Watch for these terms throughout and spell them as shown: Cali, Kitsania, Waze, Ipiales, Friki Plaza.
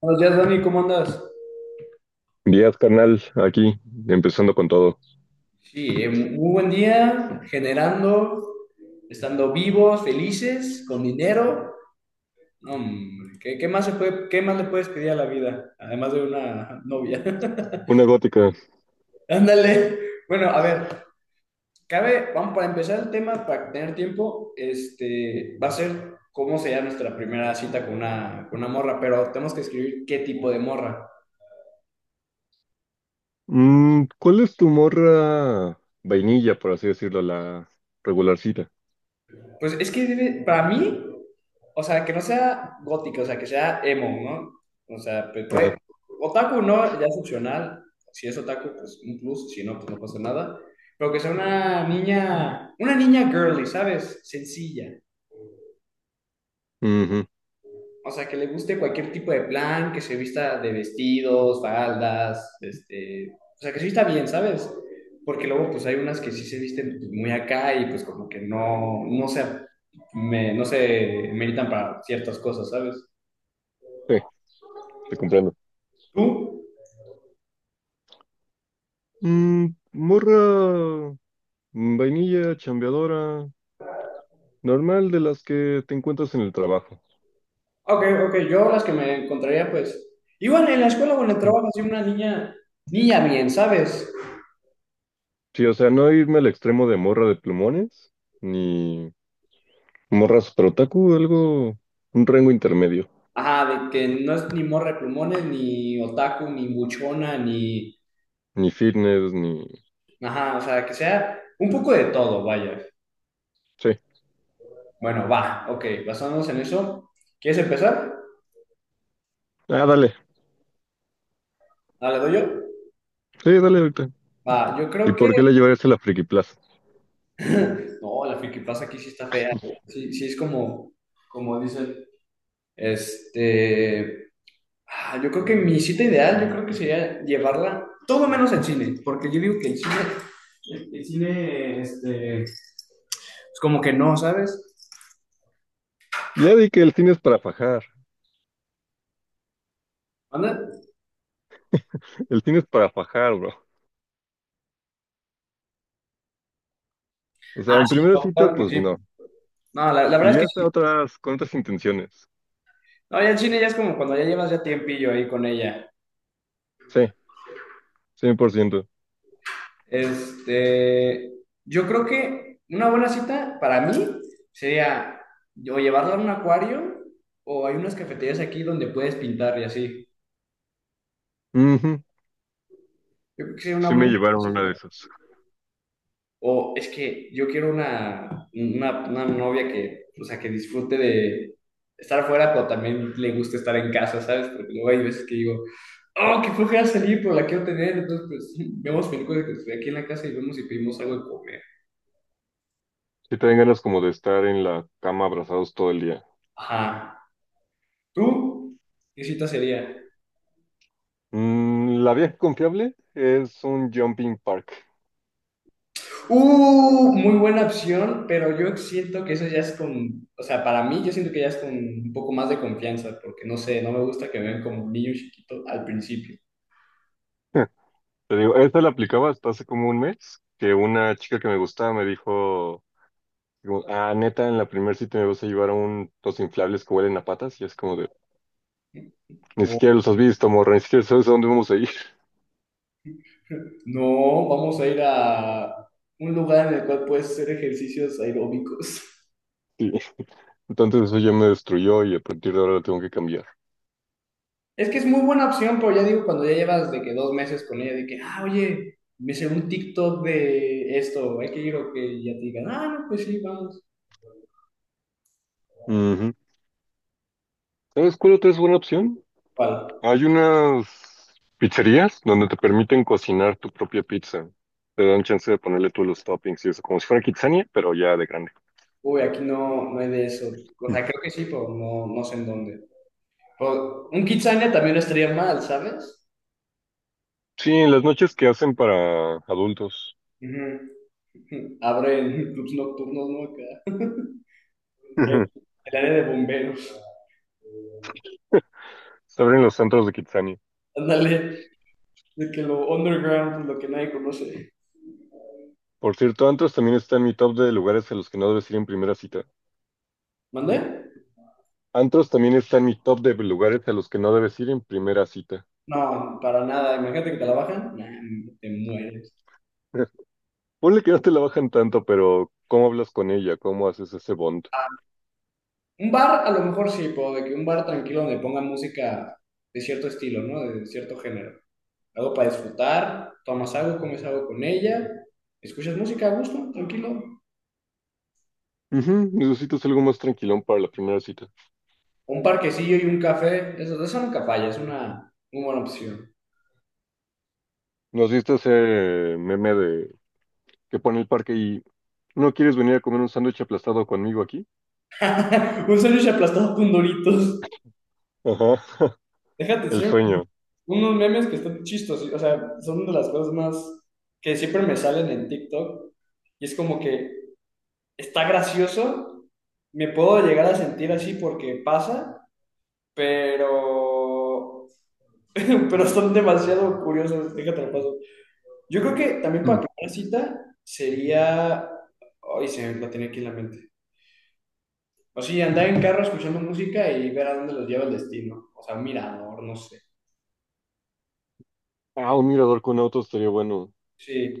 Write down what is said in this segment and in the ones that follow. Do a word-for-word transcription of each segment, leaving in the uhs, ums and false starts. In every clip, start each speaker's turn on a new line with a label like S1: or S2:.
S1: Buenos días, Dani, ¿cómo andas?
S2: Díaz, carnal, aquí, empezando con todo.
S1: Sí, eh, muy buen día, generando, estando vivos, felices, con dinero. No, hombre, ¿qué, qué más se puede, qué más le puedes pedir a la vida? Además de una novia.
S2: Una gótica.
S1: Ándale. Bueno, a ver, cabe, vamos para empezar el tema, para tener tiempo, este, va a ser cómo sería nuestra primera cita con una, con una morra, pero tenemos que escribir qué tipo de morra.
S2: Mm, ¿cuál es tu morra vainilla, por así decirlo, la regularcita?
S1: Pues es que debe, para mí, o sea, que no sea gótica, o sea, que sea emo, ¿no? O sea, pues,
S2: Ajá.
S1: puede- otaku no, ya es opcional. Si es otaku, pues un plus, si no, pues no pasa nada. Pero que sea una niña, una niña girly, ¿sabes? Sencilla.
S2: Ujú,
S1: O sea, que le guste cualquier tipo de plan, que se vista de vestidos, faldas, este, o sea, que se vista bien, ¿sabes? Porque luego pues hay unas que sí se visten pues, muy acá y pues como que no, no se, me, no se meritan para ciertas cosas, ¿sabes?
S2: sí, te comprendo.
S1: ¿Tú?
S2: Mm, morra mm, vainilla, chambeadora, normal de las que te encuentras en el trabajo.
S1: Ok, ok, yo las que me encontraría pues, igual en la escuela o en el
S2: Mm.
S1: trabajo, así una niña, niña bien, ¿sabes?
S2: Sí, o sea, no irme al extremo de morra de plumones, ni morra super otaku, algo, un rango intermedio.
S1: Ajá, de que no es ni morra de plumones, ni otaku, ni buchona, ni...
S2: Ni fitness, ni.
S1: Ajá, o sea, que sea un poco de todo, vaya.
S2: Sí.
S1: Bueno, va, ok, basándonos en eso, ¿quieres empezar?
S2: Ah, dale.
S1: Ah, ¿le doy yo?
S2: Sí, dale ahorita.
S1: Va, yo
S2: ¿Y
S1: creo que...
S2: por qué lo llevarías a la Friki Plaza?
S1: No, la pasa aquí sí está fea. Sí, sí es como, como dicen. Este... ah, yo creo que mi cita ideal, yo creo que sería llevarla todo menos al cine, porque yo digo que el cine, el, el cine, este, es como que no, ¿sabes?
S2: Ya di que el cine es para fajar.
S1: ¿Anda?
S2: El cine es para fajar, bro. O sea,
S1: Ah,
S2: en
S1: sí,
S2: primera cita,
S1: claro que
S2: pues
S1: sí.
S2: no.
S1: No, la, la verdad es que
S2: Irías a
S1: sí.
S2: otras, con otras intenciones.
S1: No, ya el cine ya es como cuando ya llevas ya tiempillo ahí con ella.
S2: Sí, cien por ciento.
S1: Este, yo creo que una buena cita para mí sería o llevarla a un acuario o hay unas cafeterías aquí donde puedes pintar y así.
S2: Ujú,
S1: Yo creo que sería una
S2: sí
S1: muy
S2: me llevaron una
S1: buena
S2: de
S1: cita.
S2: esas.
S1: O es que yo quiero una, una, una novia que, o sea, que disfrute de estar afuera, pero también le guste estar en casa, ¿sabes? Porque luego hay veces que digo, oh, qué flojera salir, pero la quiero tener. Entonces, pues, vemos películas que estoy aquí en la casa y vemos y pedimos algo de comer.
S2: Sí te dan ganas como de estar en la cama abrazados todo el día.
S1: Ajá. ¿Tú? ¿Qué cita sería?
S2: Mm, la vieja confiable es un jumping park.
S1: Uh, muy buena opción, pero yo siento que eso ya es con, o sea, para mí yo siento que ya es con un poco más de confianza, porque no sé, no me gusta que me vean como un niño chiquito al principio.
S2: Te digo, esta la aplicaba hasta hace como un mes, que una chica que me gustaba me dijo, digo, ah, neta, en la primera cita me vas a llevar a un, los inflables que huelen a patas, y es como de, ni
S1: ¿No?
S2: siquiera los has visto, morra, ni siquiera sabes a dónde vamos a ir.
S1: No, vamos a ir a un lugar en el cual puedes hacer ejercicios aeróbicos.
S2: Sí. Entonces eso ya me destruyó y a partir de ahora lo tengo que cambiar.
S1: Es que es muy buena opción, pero ya digo, cuando ya llevas de que dos meses con ella, de que, ah, oye, me sé un TikTok de esto, hay que ir o que ya te digan, ah, no, pues sí, vamos.
S2: Ujú. ¿Sabes cuál otra es buena opción?
S1: ¿Cuál?
S2: Hay unas pizzerías donde te permiten cocinar tu propia pizza. Te dan chance de ponerle tú los toppings y eso, como si fuera Kitsania, pero ya de grande.
S1: Uy, aquí no, no hay de eso. O
S2: Mm.
S1: sea, creo que sí, pero no, no sé en dónde. Pero un Kitsania también no estaría mal, ¿sabes?
S2: Sí, en las noches que hacen para adultos.
S1: Ujú. Abren clubs nocturnos, ¿no? Acá.
S2: Ujú.
S1: El área de bomberos.
S2: Se abren los antros de Kitsania.
S1: Ándale. De que lo underground, lo que nadie conoce.
S2: Por cierto, antros también está en mi top de lugares a los que no debes ir en primera cita.
S1: ¿Mandé?
S2: Antros también está en mi top de lugares a los que no debes ir en primera cita.
S1: No, para nada. Imagínate que te la bajan. Nah, te mueres.
S2: Ponle que no te la bajan tanto, pero ¿cómo hablas con ella? ¿Cómo haces ese bond?
S1: Un bar, a lo mejor sí, puedo, de que un bar tranquilo donde pongan música de cierto estilo, ¿no? De cierto género. Algo para disfrutar, tomas algo, comes algo con ella, escuchas música a gusto, tranquilo.
S2: Ujú, necesitas algo más tranquilón para la primera cita.
S1: Un parquecillo y un café, eso, eso nunca falla, es una muy buena opción.
S2: Nos viste ese meme de que pone el parque y ¿no quieres venir a comer un sándwich aplastado conmigo aquí?
S1: Un sándwich aplastado con doritos.
S2: Ajá,
S1: Déjate,
S2: el
S1: enseño
S2: sueño.
S1: unos memes que están chistosos, o sea, son de las cosas más que siempre me salen en TikTok y es como que está gracioso, me puedo llegar a sentir así porque pasa, pero pero son demasiado curiosos, déjate lo paso. Yo creo que también
S2: Mm.
S1: para primera cita sería ay, se me la tiene aquí en la mente. O sí, andar en carro escuchando música y ver a dónde los lleva el destino. O sea, mirador, no sé.
S2: Ah, un mirador con autos estaría bueno.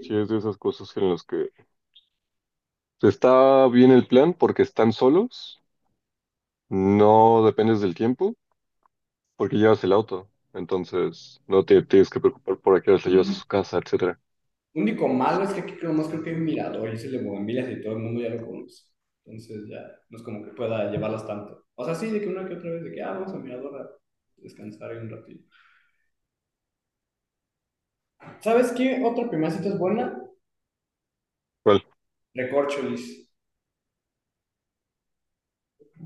S2: Si es de esas cosas en las que está bien el plan porque están solos, no dependes del tiempo porque llevas el auto. Entonces no te tienes que preocupar por a qué hora la llevas a su casa, etcétera.
S1: Único malo es que aquí nomás creo que hay un mirador y ese es el de Bugambilias y todo el mundo ya lo conoce. Entonces ya no es como que pueda llevarlas tanto. O sea, sí, de que una que otra vez, de que ah, vamos al mirador a descansar ahí un ratito. ¿Sabes qué? Otra primera cita es buena. Recorcholis.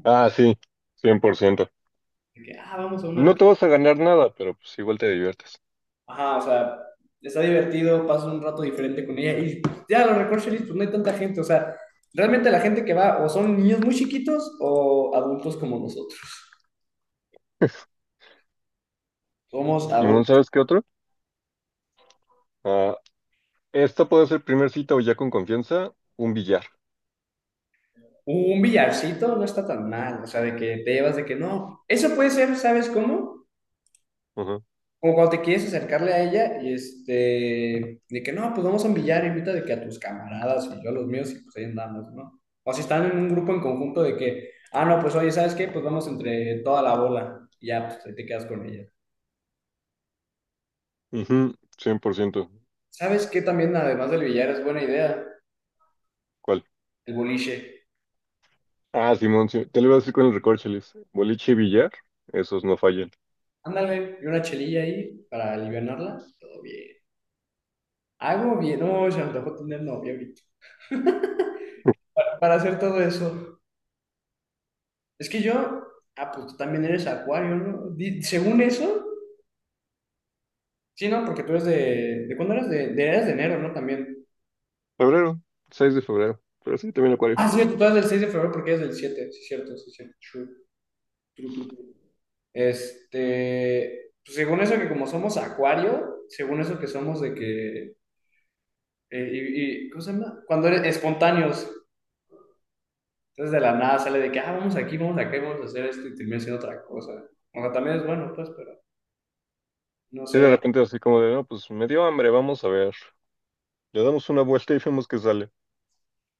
S2: Ah, sí, cien por ciento.
S1: De que ah, vamos a una.
S2: No te vas a ganar nada, pero pues igual te diviertes.
S1: Ajá, o sea, está divertido, pasas un rato diferente con ella y ya los recorcholis, pues no hay tanta gente. O sea, realmente la gente que va o son niños muy chiquitos o adultos como nosotros. Somos
S2: Simón,
S1: adultos.
S2: ¿sabes qué otro? Ah, esta puede ser primer cita o ya con confianza, un billar.
S1: Un billarcito no está tan mal, o sea, de que te llevas de que no. Eso puede ser, ¿sabes cómo?
S2: Ajá.
S1: Como cuando te quieres acercarle a ella y este, de que no, pues vamos a un billar, invita de que a tus camaradas y yo a los míos y pues ahí andamos, ¿no? O si están en un grupo en conjunto de que, ah, no, pues oye, ¿sabes qué? Pues vamos entre toda la bola y ya, pues ahí te quedas con ella.
S2: Ujú, cien por ciento.
S1: ¿Sabes qué también, además del billar, es buena idea?
S2: ¿Cuál?
S1: El boliche.
S2: Ah, Simón, sí, te lo iba a decir con el recorcholis. Boliche y billar, esos no fallan.
S1: Ándale, y una chelilla ahí para alivianarla, todo bien. Hago bien, no, se me antojó tener novia ahorita para hacer todo eso. Es que yo, ah, pues tú también eres acuario, ¿no? Di- según eso, sí, ¿no? Porque tú eres de, ¿de cuándo eres? De, de, eres de enero, ¿no? También.
S2: Febrero, seis de febrero. Pero sí, también acuario.
S1: Ah, sí, tú eres del seis de febrero porque eres del siete sí, cierto, sí, cierto. True, true, true, true. Este, pues, según eso que como somos acuario, según eso que somos de que, eh, y, y- ¿cómo se llama? Cuando eres espontáneos, entonces de la nada sale de que, ah, vamos aquí, vamos acá, vamos a hacer esto y termina siendo otra cosa. O sea, también es bueno, pues, pero no
S2: Y de
S1: sé,
S2: repente así como de, no, pues me dio hambre, vamos a ver. Le damos una vuelta y vemos qué sale.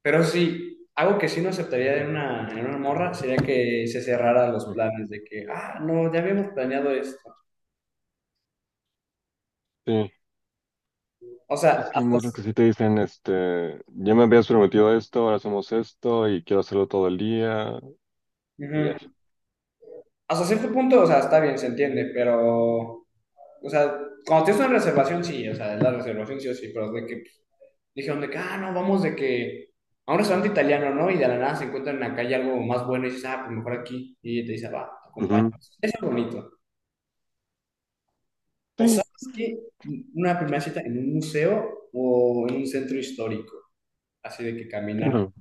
S1: pero sí, algo que sí no aceptaría en una, en una morra sería que se cerrara los
S2: Mm.
S1: planes de que, ah, no, ya habíamos planeado esto.
S2: Sí.
S1: O sea,
S2: Es que hay
S1: hasta,
S2: muchos que sí te dicen, este, ya me habías prometido esto, ahora hacemos esto y quiero hacerlo todo el día. Y ay,
S1: ujú. Hasta cierto punto, o sea, está bien, se entiende, pero, o sea, cuando tienes una reservación, sí, o sea, la reservación sí o sí, pero de que dijeron de que, ah, no, vamos de que a un restaurante italiano, ¿no? Y de la nada se encuentran en la calle algo más bueno y dices, ah, pues mejor aquí. Y te dice, va,
S2: ujú,
S1: acompañamos. Eso es bonito. O
S2: sí,
S1: sabes que una primera cita en un museo o en un centro histórico, así de que caminar
S2: claro.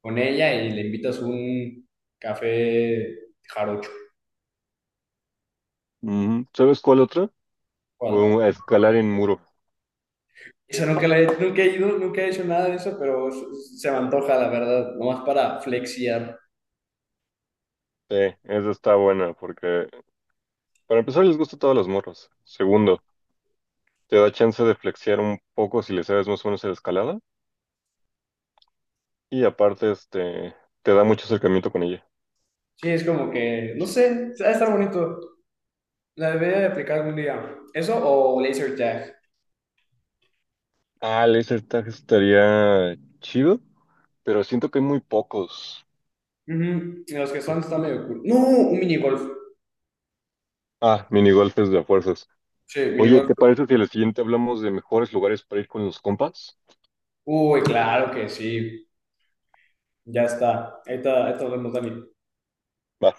S1: con ella y le invitas un café jarocho.
S2: Ujú. ¿Sabes cuál otra?
S1: ¿Cuál?
S2: Uh, escalar en muro.
S1: Eso nunca, la he, nunca he ido, nunca he hecho nada de eso, pero s- se me antoja, la verdad, nomás para flexiar.
S2: Sí, esa está buena porque para empezar les gusta a todos los morros. Segundo, te da chance de flexear un poco si le sabes más o menos a la escalada. Y aparte, este, te da mucho acercamiento con ella.
S1: Sí, es como que, no sé, va a estar bonito. La debería de aplicar algún día. ¿Eso o laser tag?
S2: Ah, el laser tag estaría chido, pero siento que hay muy pocos.
S1: Ujú, y los que son están medio cool. No, un minigolf.
S2: Ah, minigolpes de a fuerzas.
S1: Sí,
S2: Oye, ¿te
S1: minigolf.
S2: parece si a la siguiente hablamos de mejores lugares para ir con los compas?
S1: Uy, claro que sí. Ya está. Ahí está, ahí está hablando, Dani.
S2: Va.